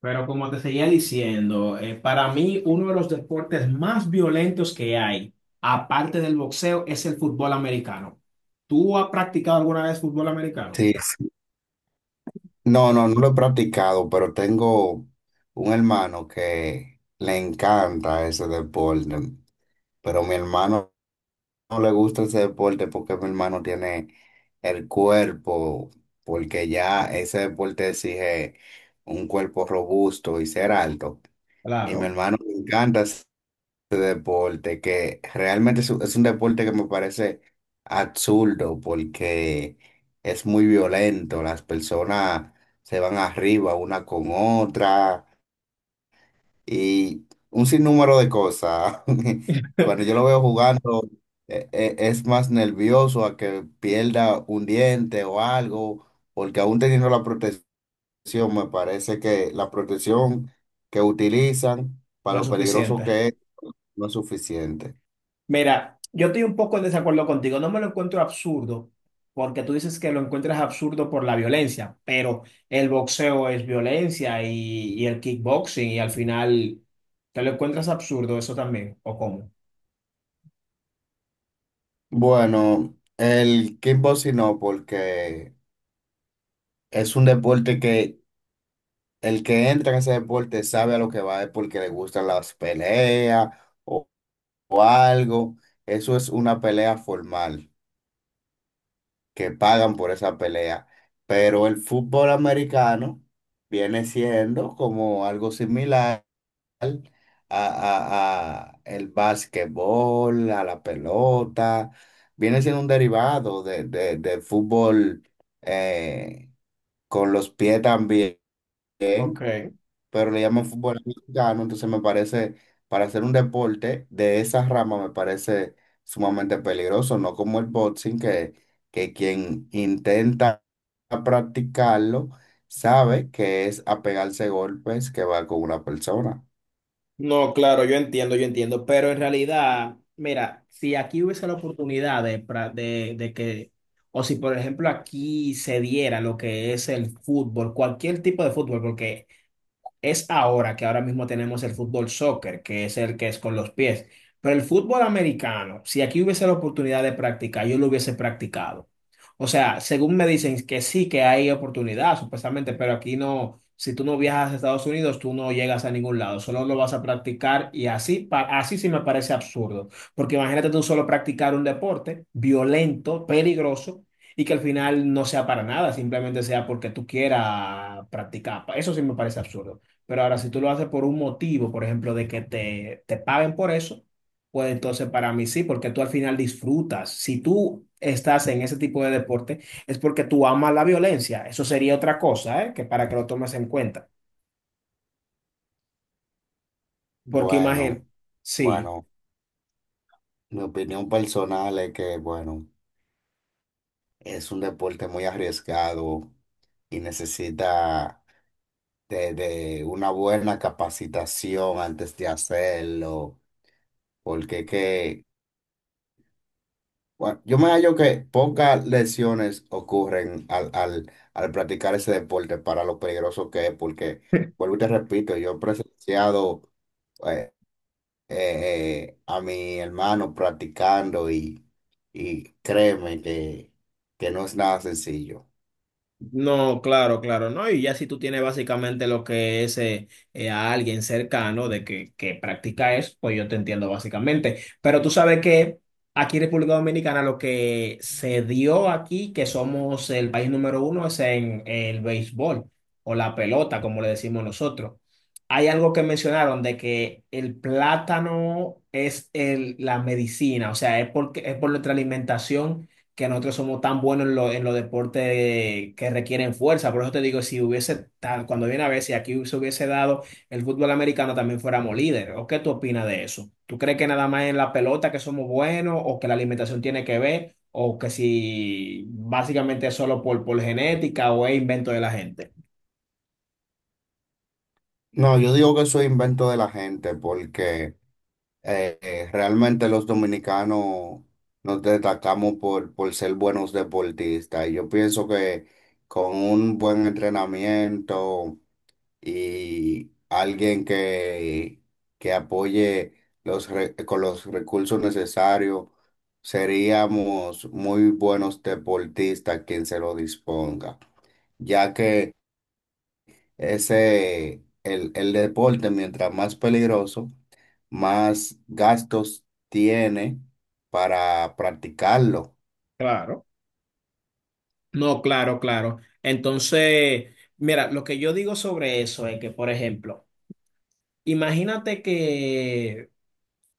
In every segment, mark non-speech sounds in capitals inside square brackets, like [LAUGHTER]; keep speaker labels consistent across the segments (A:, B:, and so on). A: Pero como te seguía diciendo, para mí uno de los deportes más violentos que hay, aparte del boxeo, es el fútbol americano. ¿Tú has practicado alguna vez fútbol americano?
B: Sí, sí. No, no, no lo he practicado, pero tengo un hermano que le encanta ese deporte. Pero mi hermano no le gusta ese deporte porque mi hermano tiene el cuerpo, porque ya ese deporte exige un cuerpo robusto y ser alto. Y mi
A: Claro.
B: hermano le encanta deporte que realmente es un deporte que me parece absurdo porque es muy violento. Las personas se van arriba una con otra y un sinnúmero de cosas. [LAUGHS] Cuando yo
A: [LAUGHS]
B: lo veo jugando, es más nervioso a que pierda un diente o algo, porque aún teniendo la protección, me parece que la protección que utilizan
A: No
B: para
A: es
B: lo peligroso
A: suficiente.
B: que es, no es suficiente.
A: Mira, yo estoy un poco en desacuerdo contigo. No me lo encuentro absurdo, porque tú dices que lo encuentras absurdo por la violencia, pero el boxeo es violencia y el kickboxing, y al final te lo encuentras absurdo eso también, ¿o cómo?
B: Bueno, el kickboxing no, porque es un deporte que el que entra en ese deporte sabe a lo que va, es porque le gustan las peleas o, o algo. Eso es una pelea formal, que pagan por esa pelea. Pero el fútbol americano viene siendo como algo similar a, a el básquetbol, a la pelota. Viene siendo un derivado del fútbol eh, con los pies también,
A: Ok.
B: pero le llaman fútbol americano, entonces me parece, para hacer un deporte de esa rama me parece sumamente peligroso, no como el boxing, que quien intenta practicarlo sabe que es apegarse golpes que va con una persona.
A: No, claro, yo entiendo, pero en realidad, mira, si aquí hubiese la oportunidad de que, o si por ejemplo aquí se diera lo que es el fútbol, cualquier tipo de fútbol, porque es ahora que ahora mismo tenemos el fútbol soccer, que es el que es con los pies. Pero el fútbol americano, si aquí hubiese la oportunidad de practicar, yo lo hubiese practicado. O sea, según me dicen que sí, que hay oportunidad, supuestamente, pero aquí no, si tú no viajas a Estados Unidos, tú no llegas a ningún lado, solo lo vas a practicar y así, así sí me parece absurdo, porque imagínate tú solo practicar un deporte violento, peligroso y que al final no sea para nada, simplemente sea porque tú quieras practicar. Eso sí me parece absurdo. Pero ahora, si tú lo haces por un motivo, por ejemplo, de que te paguen por eso, pues entonces para mí sí, porque tú al final disfrutas. Si tú estás en ese tipo de deporte, es porque tú amas la violencia. Eso sería otra cosa, ¿eh? Que para que lo tomes en cuenta. Porque imagínate,
B: Bueno,
A: sí.
B: bueno. Mi opinión personal es que, bueno, es un deporte muy arriesgado y necesita de una buena capacitación antes de hacerlo, porque que, bueno, yo me hallo que pocas lesiones ocurren al practicar ese deporte para lo peligroso que es, porque, vuelvo y te repito, yo he presenciado eh, a mi hermano practicando y créeme que no es nada sencillo.
A: No, claro, claro, ¿no? Y ya si tú tienes básicamente lo que es a alguien cercano de que practica eso, pues yo te entiendo básicamente. Pero tú sabes que aquí en República Dominicana lo que se dio aquí, que somos el país número uno, es en el béisbol o la pelota, como le decimos nosotros. Hay algo que mencionaron de que el plátano es el, la medicina, o sea, es, porque, es por nuestra alimentación que nosotros somos tan buenos en, en los deportes que requieren fuerza. Por eso te digo, si hubiese, cuando viene a ver, si aquí se hubiese dado el fútbol americano, también fuéramos líderes. ¿O qué tú opinas de eso? ¿Tú crees que nada más en la pelota que somos buenos o que la alimentación tiene que ver o que si básicamente es solo por genética o es invento de la gente?
B: No, yo digo que eso es invento de la gente porque realmente los dominicanos nos destacamos por ser buenos deportistas y yo pienso que con un buen entrenamiento y alguien que apoye los con los recursos necesarios. Seríamos muy buenos deportistas quien se lo disponga, ya que ese, el deporte, mientras más peligroso, más gastos tiene para practicarlo.
A: Claro. No, claro, claro. Entonces, mira, lo que yo digo sobre eso es que, por ejemplo, imagínate que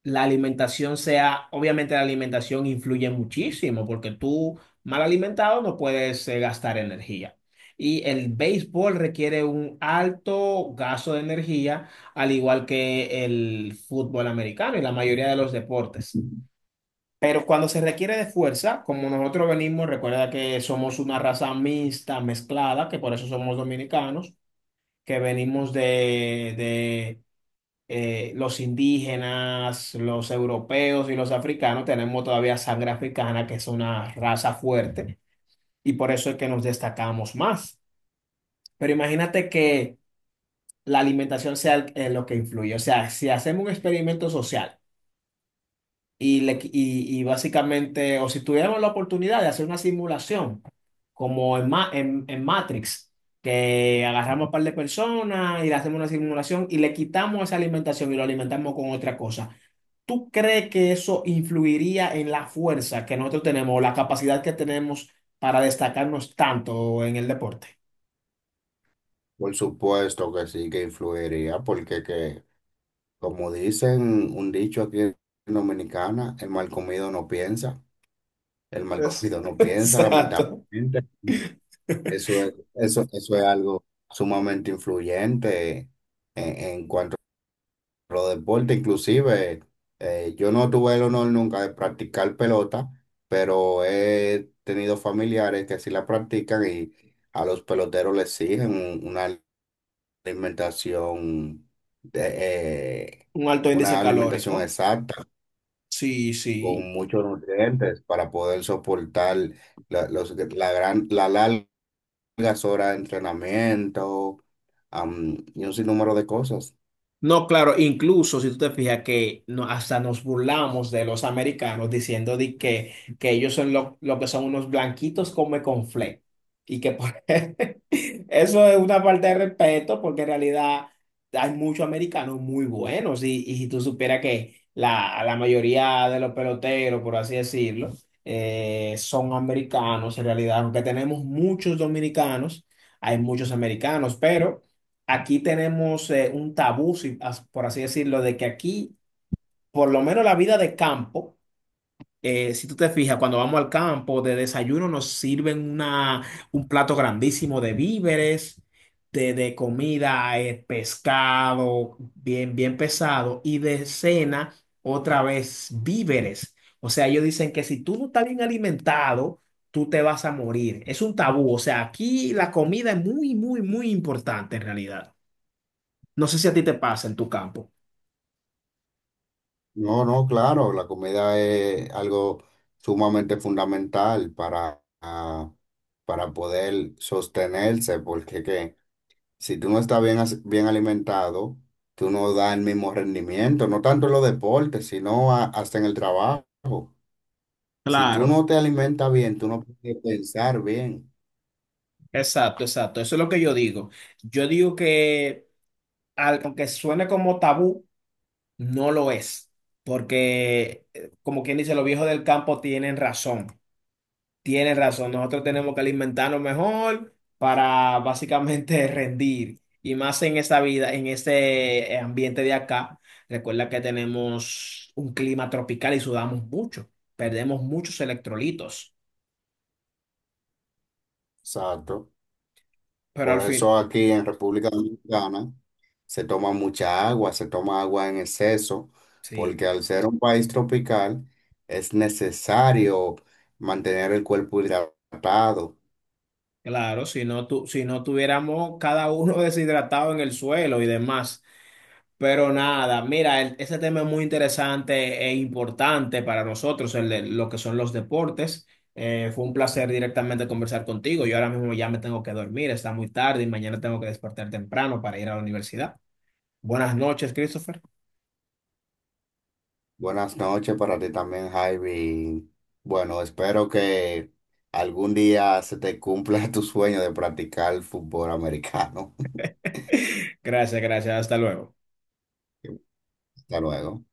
A: la alimentación sea, obviamente la alimentación influye muchísimo porque tú mal alimentado no puedes gastar energía. Y el béisbol requiere un alto gasto de energía, al igual que el fútbol americano y la mayoría de los deportes. Pero cuando se requiere de fuerza, como nosotros venimos, recuerda que somos una raza mixta, mezclada, que por eso somos dominicanos, que venimos de, los indígenas, los europeos y los africanos, tenemos todavía sangre africana, que es una raza fuerte, y por eso es que nos destacamos más. Pero imagínate que la alimentación sea lo que influye. O sea, si hacemos un experimento social y, le qui- y básicamente, o si tuviéramos la oportunidad de hacer una simulación, como en Matrix, que agarramos un par de personas y le hacemos una simulación y le quitamos esa alimentación y lo alimentamos con otra cosa. ¿Tú crees que eso influiría en la fuerza que nosotros tenemos o la capacidad que tenemos para destacarnos tanto en el deporte?
B: Por supuesto que sí que influiría, porque que como dicen un dicho aquí en Dominicana, el mal comido no piensa, el mal [LAUGHS]
A: Es,
B: comido no
A: [LAUGHS]
B: piensa,
A: exacto.
B: lamentablemente. Eso es, eso es algo sumamente influyente en cuanto a los deportes. Inclusive, yo no tuve el honor nunca de practicar pelota, pero he tenido familiares que sí la practican y a los peloteros les exigen una alimentación de,
A: Un alto índice
B: una
A: calórico.
B: alimentación exacta
A: Sí, sí.
B: con muchos nutrientes para poder soportar la, la gran, la largas horas de entrenamiento, y un sinnúmero de cosas.
A: No, claro, incluso si tú te fijas que no, hasta nos burlamos de los americanos diciendo de que ellos son lo que son unos blanquitos come conflé. Y que [LAUGHS] eso es una falta de respeto porque en realidad hay muchos americanos muy buenos y si tú supieras que la mayoría de los peloteros, por así decirlo, son americanos en realidad, aunque tenemos muchos dominicanos, hay muchos americanos, pero aquí tenemos un tabú, por así decirlo, de que aquí, por lo menos la vida de campo, si tú te fijas, cuando vamos al campo de desayuno nos sirven un plato grandísimo de víveres, de comida, pescado, bien, bien pesado, y de cena, otra vez, víveres. O sea, ellos dicen que si tú no estás bien alimentado, tú te vas a morir. Es un tabú. O sea, aquí la comida es muy, muy, muy importante en realidad. No sé si a ti te pasa en tu campo.
B: No, no, claro, la comida es algo sumamente fundamental para, para poder sostenerse, porque que, si tú no estás bien, bien alimentado, tú no das el mismo rendimiento, no tanto en los deportes, sino hasta en el trabajo. Si tú
A: Claro,
B: no te alimentas bien, tú no puedes pensar bien.
A: exacto, exacto. Eso es lo que yo digo. Yo digo que aunque suene como tabú, no lo es, porque como quien dice, los viejos del campo tienen razón, tienen razón. Nosotros tenemos que alimentarnos mejor para básicamente [LAUGHS] rendir. Y más en esta vida, en este ambiente de acá, recuerda que tenemos un clima tropical y sudamos mucho, perdemos muchos electrolitos,
B: Exacto.
A: pero al
B: Por
A: fin,
B: eso aquí en República Dominicana se toma mucha agua, se toma agua en exceso,
A: sí.
B: porque al ser un país tropical es necesario mantener el cuerpo hidratado.
A: Claro, si no, si no tuviéramos cada uno [LAUGHS] deshidratado en el suelo y demás. Pero nada, mira, ese tema es muy interesante e importante para nosotros, el de lo que son los deportes. Fue un placer directamente conversar contigo. Yo ahora mismo ya me tengo que dormir, está muy tarde y mañana tengo que despertar temprano para ir a la universidad. Buenas noches, Christopher.
B: Buenas noches para ti también, Javi. Bueno, espero que algún día se te cumpla [LAUGHS] tu sueño de practicar fútbol americano.
A: [LAUGHS] Gracias, gracias. Hasta luego.
B: [LAUGHS] Hasta luego.